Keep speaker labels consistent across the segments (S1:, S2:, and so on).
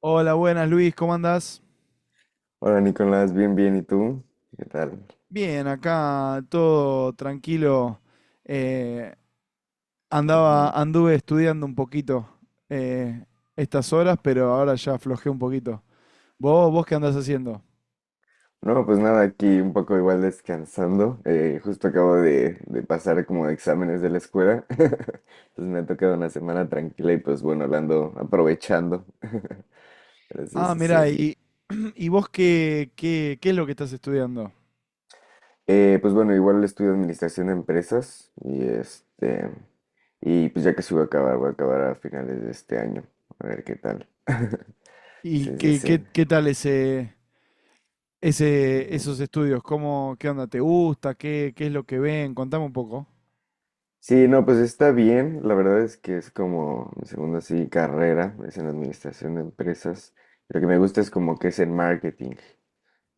S1: Hola, buenas Luis, ¿cómo andás?
S2: Hola Nicolás, bien, bien, ¿y tú? ¿Qué tal?
S1: Bien, acá todo tranquilo. eh,
S2: Ujú.
S1: anduve estudiando un poquito eh, estas horas, pero ahora ya aflojé un poquito. ¿¿Vos qué andás haciendo?
S2: No, pues nada, aquí un poco igual descansando. Justo acabo de pasar como exámenes de la escuela. Entonces me ha tocado una semana tranquila y pues bueno, la ando aprovechando. Pero sí,
S1: Ah,
S2: sí, sí.
S1: mirá, y vos ¿qué es lo que estás estudiando?
S2: Pues bueno, igual estudio administración de empresas y este... Y pues ya que sí voy a acabar a finales de este año. A ver qué tal.
S1: ¿Y
S2: Sí, sí, sí.
S1: qué tal esos estudios? ¿Cómo, qué onda te gusta? ¿¿Qué es lo que ven? Contame un poco.
S2: Sí, no, pues está bien. La verdad es que es como mi segunda sí, carrera, es en administración de empresas. Lo que me gusta es como que es en marketing,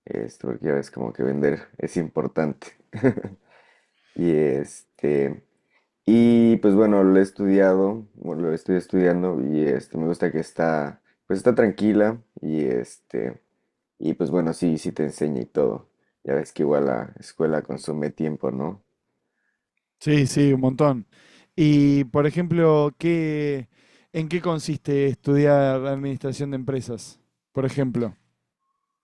S2: esto, porque ya ves como que vender es importante. Y este, y pues bueno, lo he estudiado, bueno, lo estoy estudiando y este, me gusta que está, pues está tranquila y este, y pues bueno, sí, sí te enseña y todo. Ya ves que igual la escuela consume tiempo, ¿no?
S1: Sí, sí, un montón. Y, por ejemplo, ¿en qué consiste estudiar administración de empresas, por ejemplo?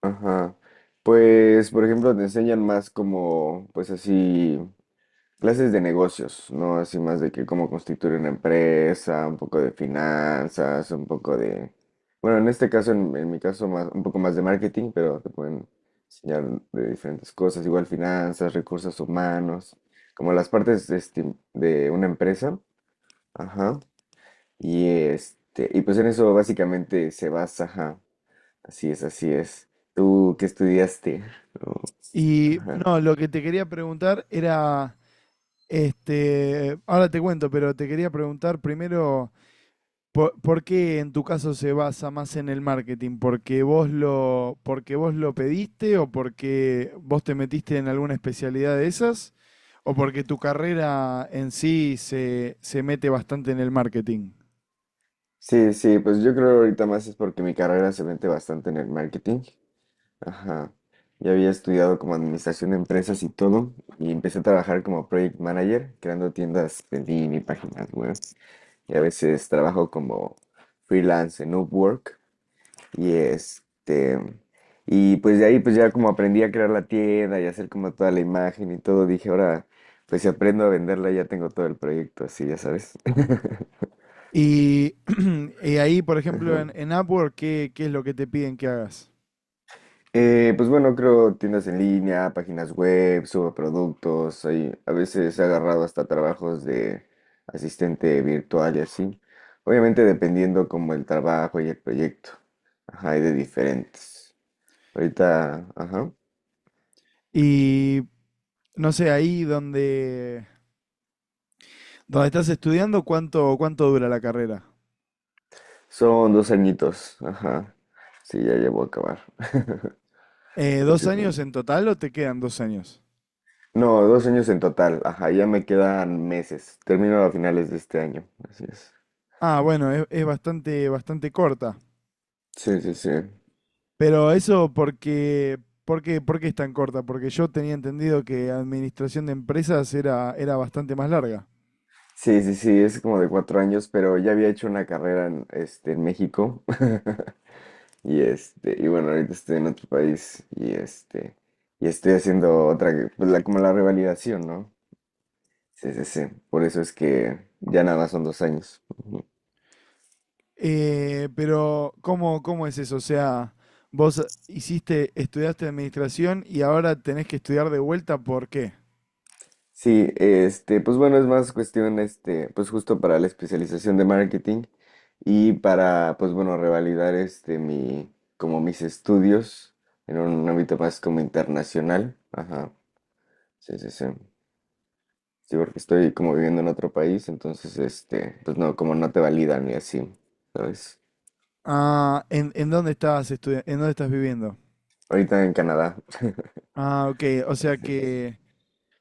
S2: Ajá. Pues, por ejemplo, te enseñan más como, pues así, clases de negocios, ¿no? Así más de que cómo constituir una empresa, un poco de finanzas, un poco de... Bueno, en este caso, en mi caso, más, un poco más de marketing, pero te pueden enseñar de diferentes cosas, igual finanzas, recursos humanos, como las partes este, de una empresa. Ajá. Y este, y pues en eso básicamente se basa, ajá. Así es, así es. ¿Tú qué estudiaste? Oh,
S1: Y
S2: ajá.
S1: no, lo que te quería preguntar era, este, ahora te cuento, pero te quería preguntar primero. ¿¿Por qué en tu caso se basa más en el marketing? ¿Porque porque vos lo pediste o porque vos te metiste en alguna especialidad de esas? ¿O porque tu carrera en sí se mete bastante en el marketing?
S2: Sí, sí, pues yo creo ahorita más es porque mi carrera se mete bastante en el marketing. Ajá. Ya había estudiado como administración de empresas y todo, y empecé a trabajar como project manager, creando tiendas en línea y páginas web. Y a veces trabajo como freelance en Upwork. Y este, y pues de ahí pues ya como aprendí a crear la tienda y hacer como toda la imagen y todo, dije, ahora pues si aprendo a venderla ya tengo todo el proyecto así, ya sabes.
S1: Y, y ahí, por ejemplo,
S2: Ajá.
S1: en Upwork, ¿qué es lo que te piden que hagas?
S2: Pues bueno, creo tiendas en línea, páginas web, subo productos, ahí a veces he agarrado hasta trabajos de asistente virtual y así. Obviamente dependiendo como el trabajo y el proyecto. Ajá, hay de diferentes. Ahorita, ajá.
S1: Y no sé, donde estás estudiando, ¿cuánto dura la carrera?
S2: Son dos añitos, ajá. Sí, ya llevo a acabar. Pero
S1: ¿Dos
S2: sí fue-
S1: años en total o te quedan dos años?
S2: No, dos años en total, ajá. Ya me quedan meses. Termino a finales de este año, así es.
S1: Ah, bueno, es bastante, bastante corta.
S2: Sí, sí, sí.
S1: Pero eso porque, ¿por qué es tan corta? Porque yo tenía entendido que administración de empresas era bastante más larga.
S2: Sí, sí, sí, es como de cuatro años, pero ya había hecho una carrera en, este, en México. Y este, y bueno, ahorita estoy en otro país y este, y estoy haciendo otra, como la revalidación, ¿no? Sí, sí, sí. Por eso es que ya nada más son dos años.
S1: Pero, ¿cómo es eso? O sea, estudiaste administración y ahora tenés que estudiar de vuelta, ¿por qué?
S2: Sí, este, pues bueno, es más cuestión, este, pues justo para la especialización de marketing y para, pues bueno, revalidar este mi, como mis estudios en un ámbito más como internacional. Ajá. Sí, sí, sí. Sí, porque estoy como viviendo en otro país, entonces, este, pues no, como no te validan y así, ¿sabes?
S1: Ah, en dónde estás en dónde estás viviendo?
S2: Ahorita en Canadá.
S1: Ah, ok, o sea
S2: Así es, así.
S1: que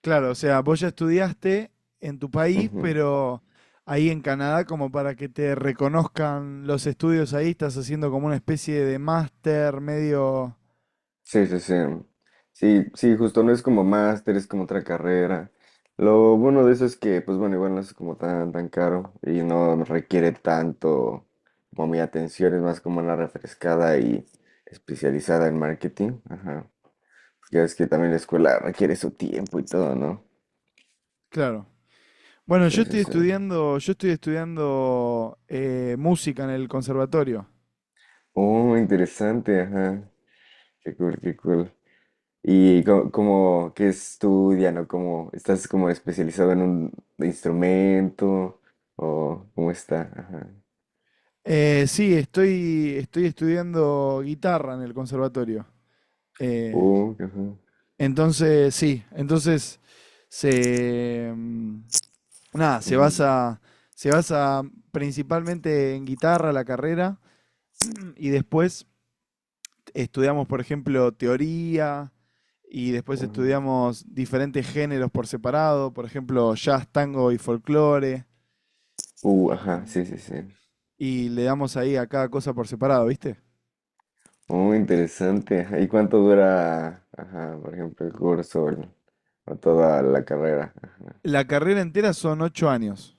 S1: claro, o sea, vos ya estudiaste en tu país,
S2: Ujú.
S1: pero ahí en Canadá, como para que te reconozcan los estudios ahí, estás haciendo como una especie de máster medio...
S2: Sí, sí, sí. Sí, sí, justo no es como máster, es como otra carrera. Lo bueno de eso es que, pues bueno, igual no es como tan, tan caro y no requiere tanto como mi atención, es más como una refrescada y especializada en marketing. Ajá. Ya es que también la escuela requiere su tiempo y todo, ¿no?
S1: Claro. Bueno,
S2: Sí, sí, sí.
S1: yo estoy estudiando música en el conservatorio.
S2: Oh, interesante, ajá. Qué cool, qué cool. ¿Y como qué estudian o cómo estás como especializado en un instrumento o cómo está? Ajá.
S1: Sí, estoy estudiando guitarra en el conservatorio. Eh,
S2: Ajá.
S1: Entonces, sí, entonces se mm, nada,
S2: Ujú,
S1: se basa principalmente en guitarra la carrera y después estudiamos, por ejemplo, teoría y después
S2: ajá.
S1: estudiamos diferentes géneros por separado, por ejemplo, jazz, tango y folclore
S2: Ajá,
S1: y,
S2: sí, sí, sí.
S1: y le damos ahí a cada cosa por separado, ¿viste?
S2: Muy interesante. Ajá. ¿Y cuánto dura, ajá, por ejemplo, el curso o, o toda la carrera? Ajá.
S1: La carrera entera son 8 años.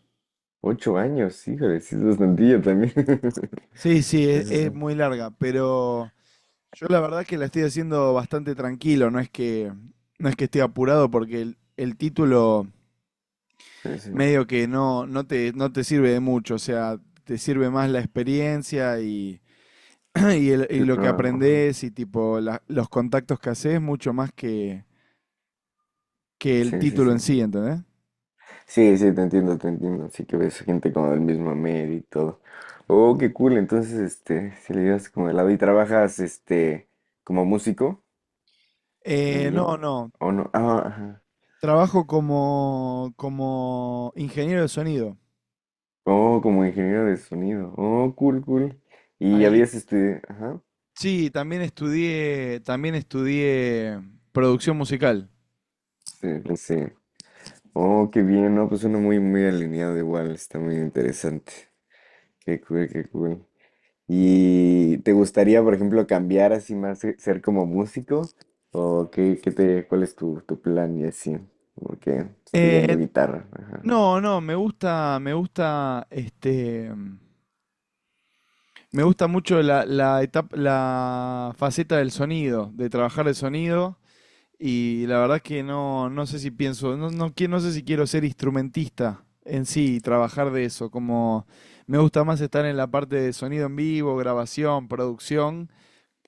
S2: Ocho años, híjole, sí es bastantillo también.
S1: Sí, sí, es
S2: Ajá,
S1: muy larga, pero yo la verdad que la estoy haciendo bastante tranquilo, no es que esté apurado porque el título
S2: sí, sí.
S1: medio que no, no te sirve de mucho, o sea, te sirve más la experiencia y, y
S2: Sí,
S1: lo que
S2: claro. Ajá.
S1: aprendés y tipo los contactos que haces mucho más que el
S2: Sí, sí,
S1: título
S2: sí.
S1: en sí, ¿entendés?
S2: Sí, sí, te entiendo, te entiendo. Sí que ves gente como del mismo medio y todo. Oh, qué cool. Entonces, este, si le llevas como de lado y trabajas, este, como músico
S1: No,
S2: también,
S1: no,
S2: ¿o no? Ah, ajá.
S1: trabajo como ingeniero de sonido.
S2: Oh, como ingeniero de sonido. Oh, cool, cool. Y
S1: Ahí,
S2: habías estudiado, ajá.
S1: sí, también estudié producción musical.
S2: Sí, pues sí. Oh, qué bien, ¿no? Pues uno muy, muy alineado igual. Está muy interesante. Qué cool, qué cool. ¿Y te gustaría, por ejemplo, cambiar así más, ser como músico? ¿O qué te, cuál es tu plan y así? Porque estudiando
S1: Eh,
S2: guitarra. Ajá.
S1: No, no, me gusta mucho la etapa, la faceta del sonido, de trabajar el sonido, y la verdad que no, no sé si pienso, no, no, no sé si quiero ser instrumentista en sí y trabajar de eso, como me gusta más estar en la parte de sonido en vivo, grabación, producción,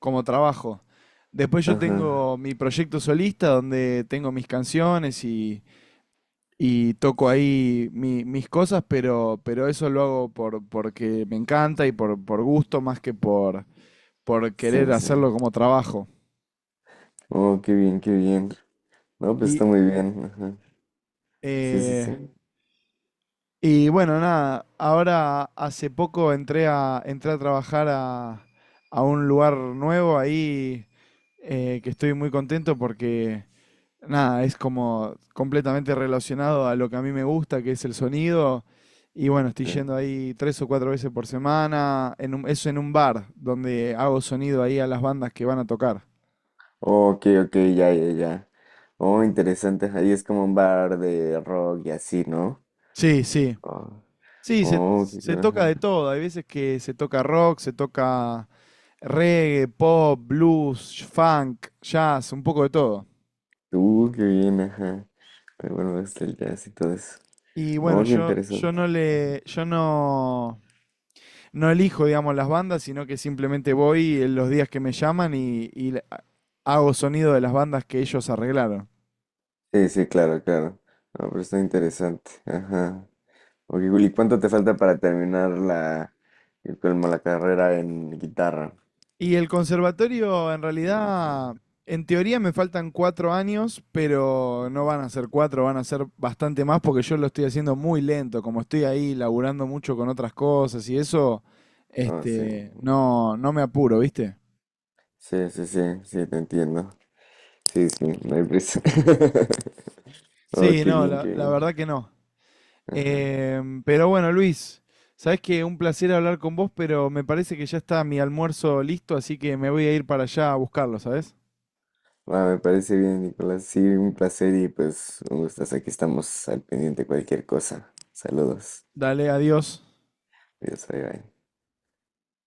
S1: como trabajo. Después yo
S2: Ajá.
S1: tengo mi proyecto solista donde tengo mis canciones y toco ahí mis cosas, pero eso lo hago por, porque me encanta y por gusto más que por
S2: Sí,
S1: querer
S2: sí.
S1: hacerlo como trabajo.
S2: Oh, qué bien, qué bien. No, pues
S1: Y,
S2: está muy bien. Ajá. Sí, sí,
S1: eh,
S2: sí.
S1: y bueno, nada, ahora hace poco entré a trabajar a un lugar nuevo ahí que estoy muy contento porque nada, es como completamente relacionado a lo que a mí me gusta, que es el sonido. Y bueno, estoy
S2: Sí.
S1: yendo ahí tres o cuatro veces por semana. Eso en un bar, donde hago sonido ahí a las bandas que van a tocar.
S2: Oh, ok, ok, ya, ya, ya. Oh, interesante. Ahí es como un bar de rock y así, ¿no?
S1: Sí, sí.
S2: Oh,
S1: Sí,
S2: oh, qué,
S1: se toca
S2: ajá.
S1: de todo. Hay veces que se toca rock, se toca reggae, pop, blues, funk, jazz, un poco de todo.
S2: Qué bien, ajá. Pero bueno, hasta el jazz y todo eso.
S1: Y bueno,
S2: Oh, qué interesante.
S1: yo no, no elijo, digamos, las bandas, sino que simplemente voy en los días que me llaman y hago sonido de las bandas que ellos arreglaron.
S2: Sí, sí, claro, claro. No, pero está interesante. Ajá. Ok, Juli, ¿cuánto te falta para terminar como la carrera en guitarra?
S1: Y el conservatorio, en
S2: Digamos,
S1: realidad,
S2: ¿no?
S1: en teoría me faltan 4 años, pero no van a ser 4, van a ser bastante más porque yo lo estoy haciendo muy lento, como estoy ahí laburando mucho con otras cosas y eso,
S2: Ah, sí.
S1: este,
S2: Ujú.
S1: no, no me apuro, ¿viste?
S2: Sí, sí, sí, sí, te entiendo. Sí, sí, no hay prisa. Oh,
S1: Sí,
S2: qué
S1: no,
S2: bien, qué
S1: la
S2: bien.
S1: verdad que no.
S2: Ajá.
S1: Em, pero bueno, Luis, sabes que un placer hablar con vos, pero me parece que ya está mi almuerzo listo, así que me voy a ir para allá a buscarlo, ¿sabes?
S2: Va me parece bien, Nicolás. Sí, un placer y pues un gustazo. Aquí estamos al pendiente de cualquier cosa. Saludos.
S1: Dale, adiós.
S2: Adiós, bye, bye.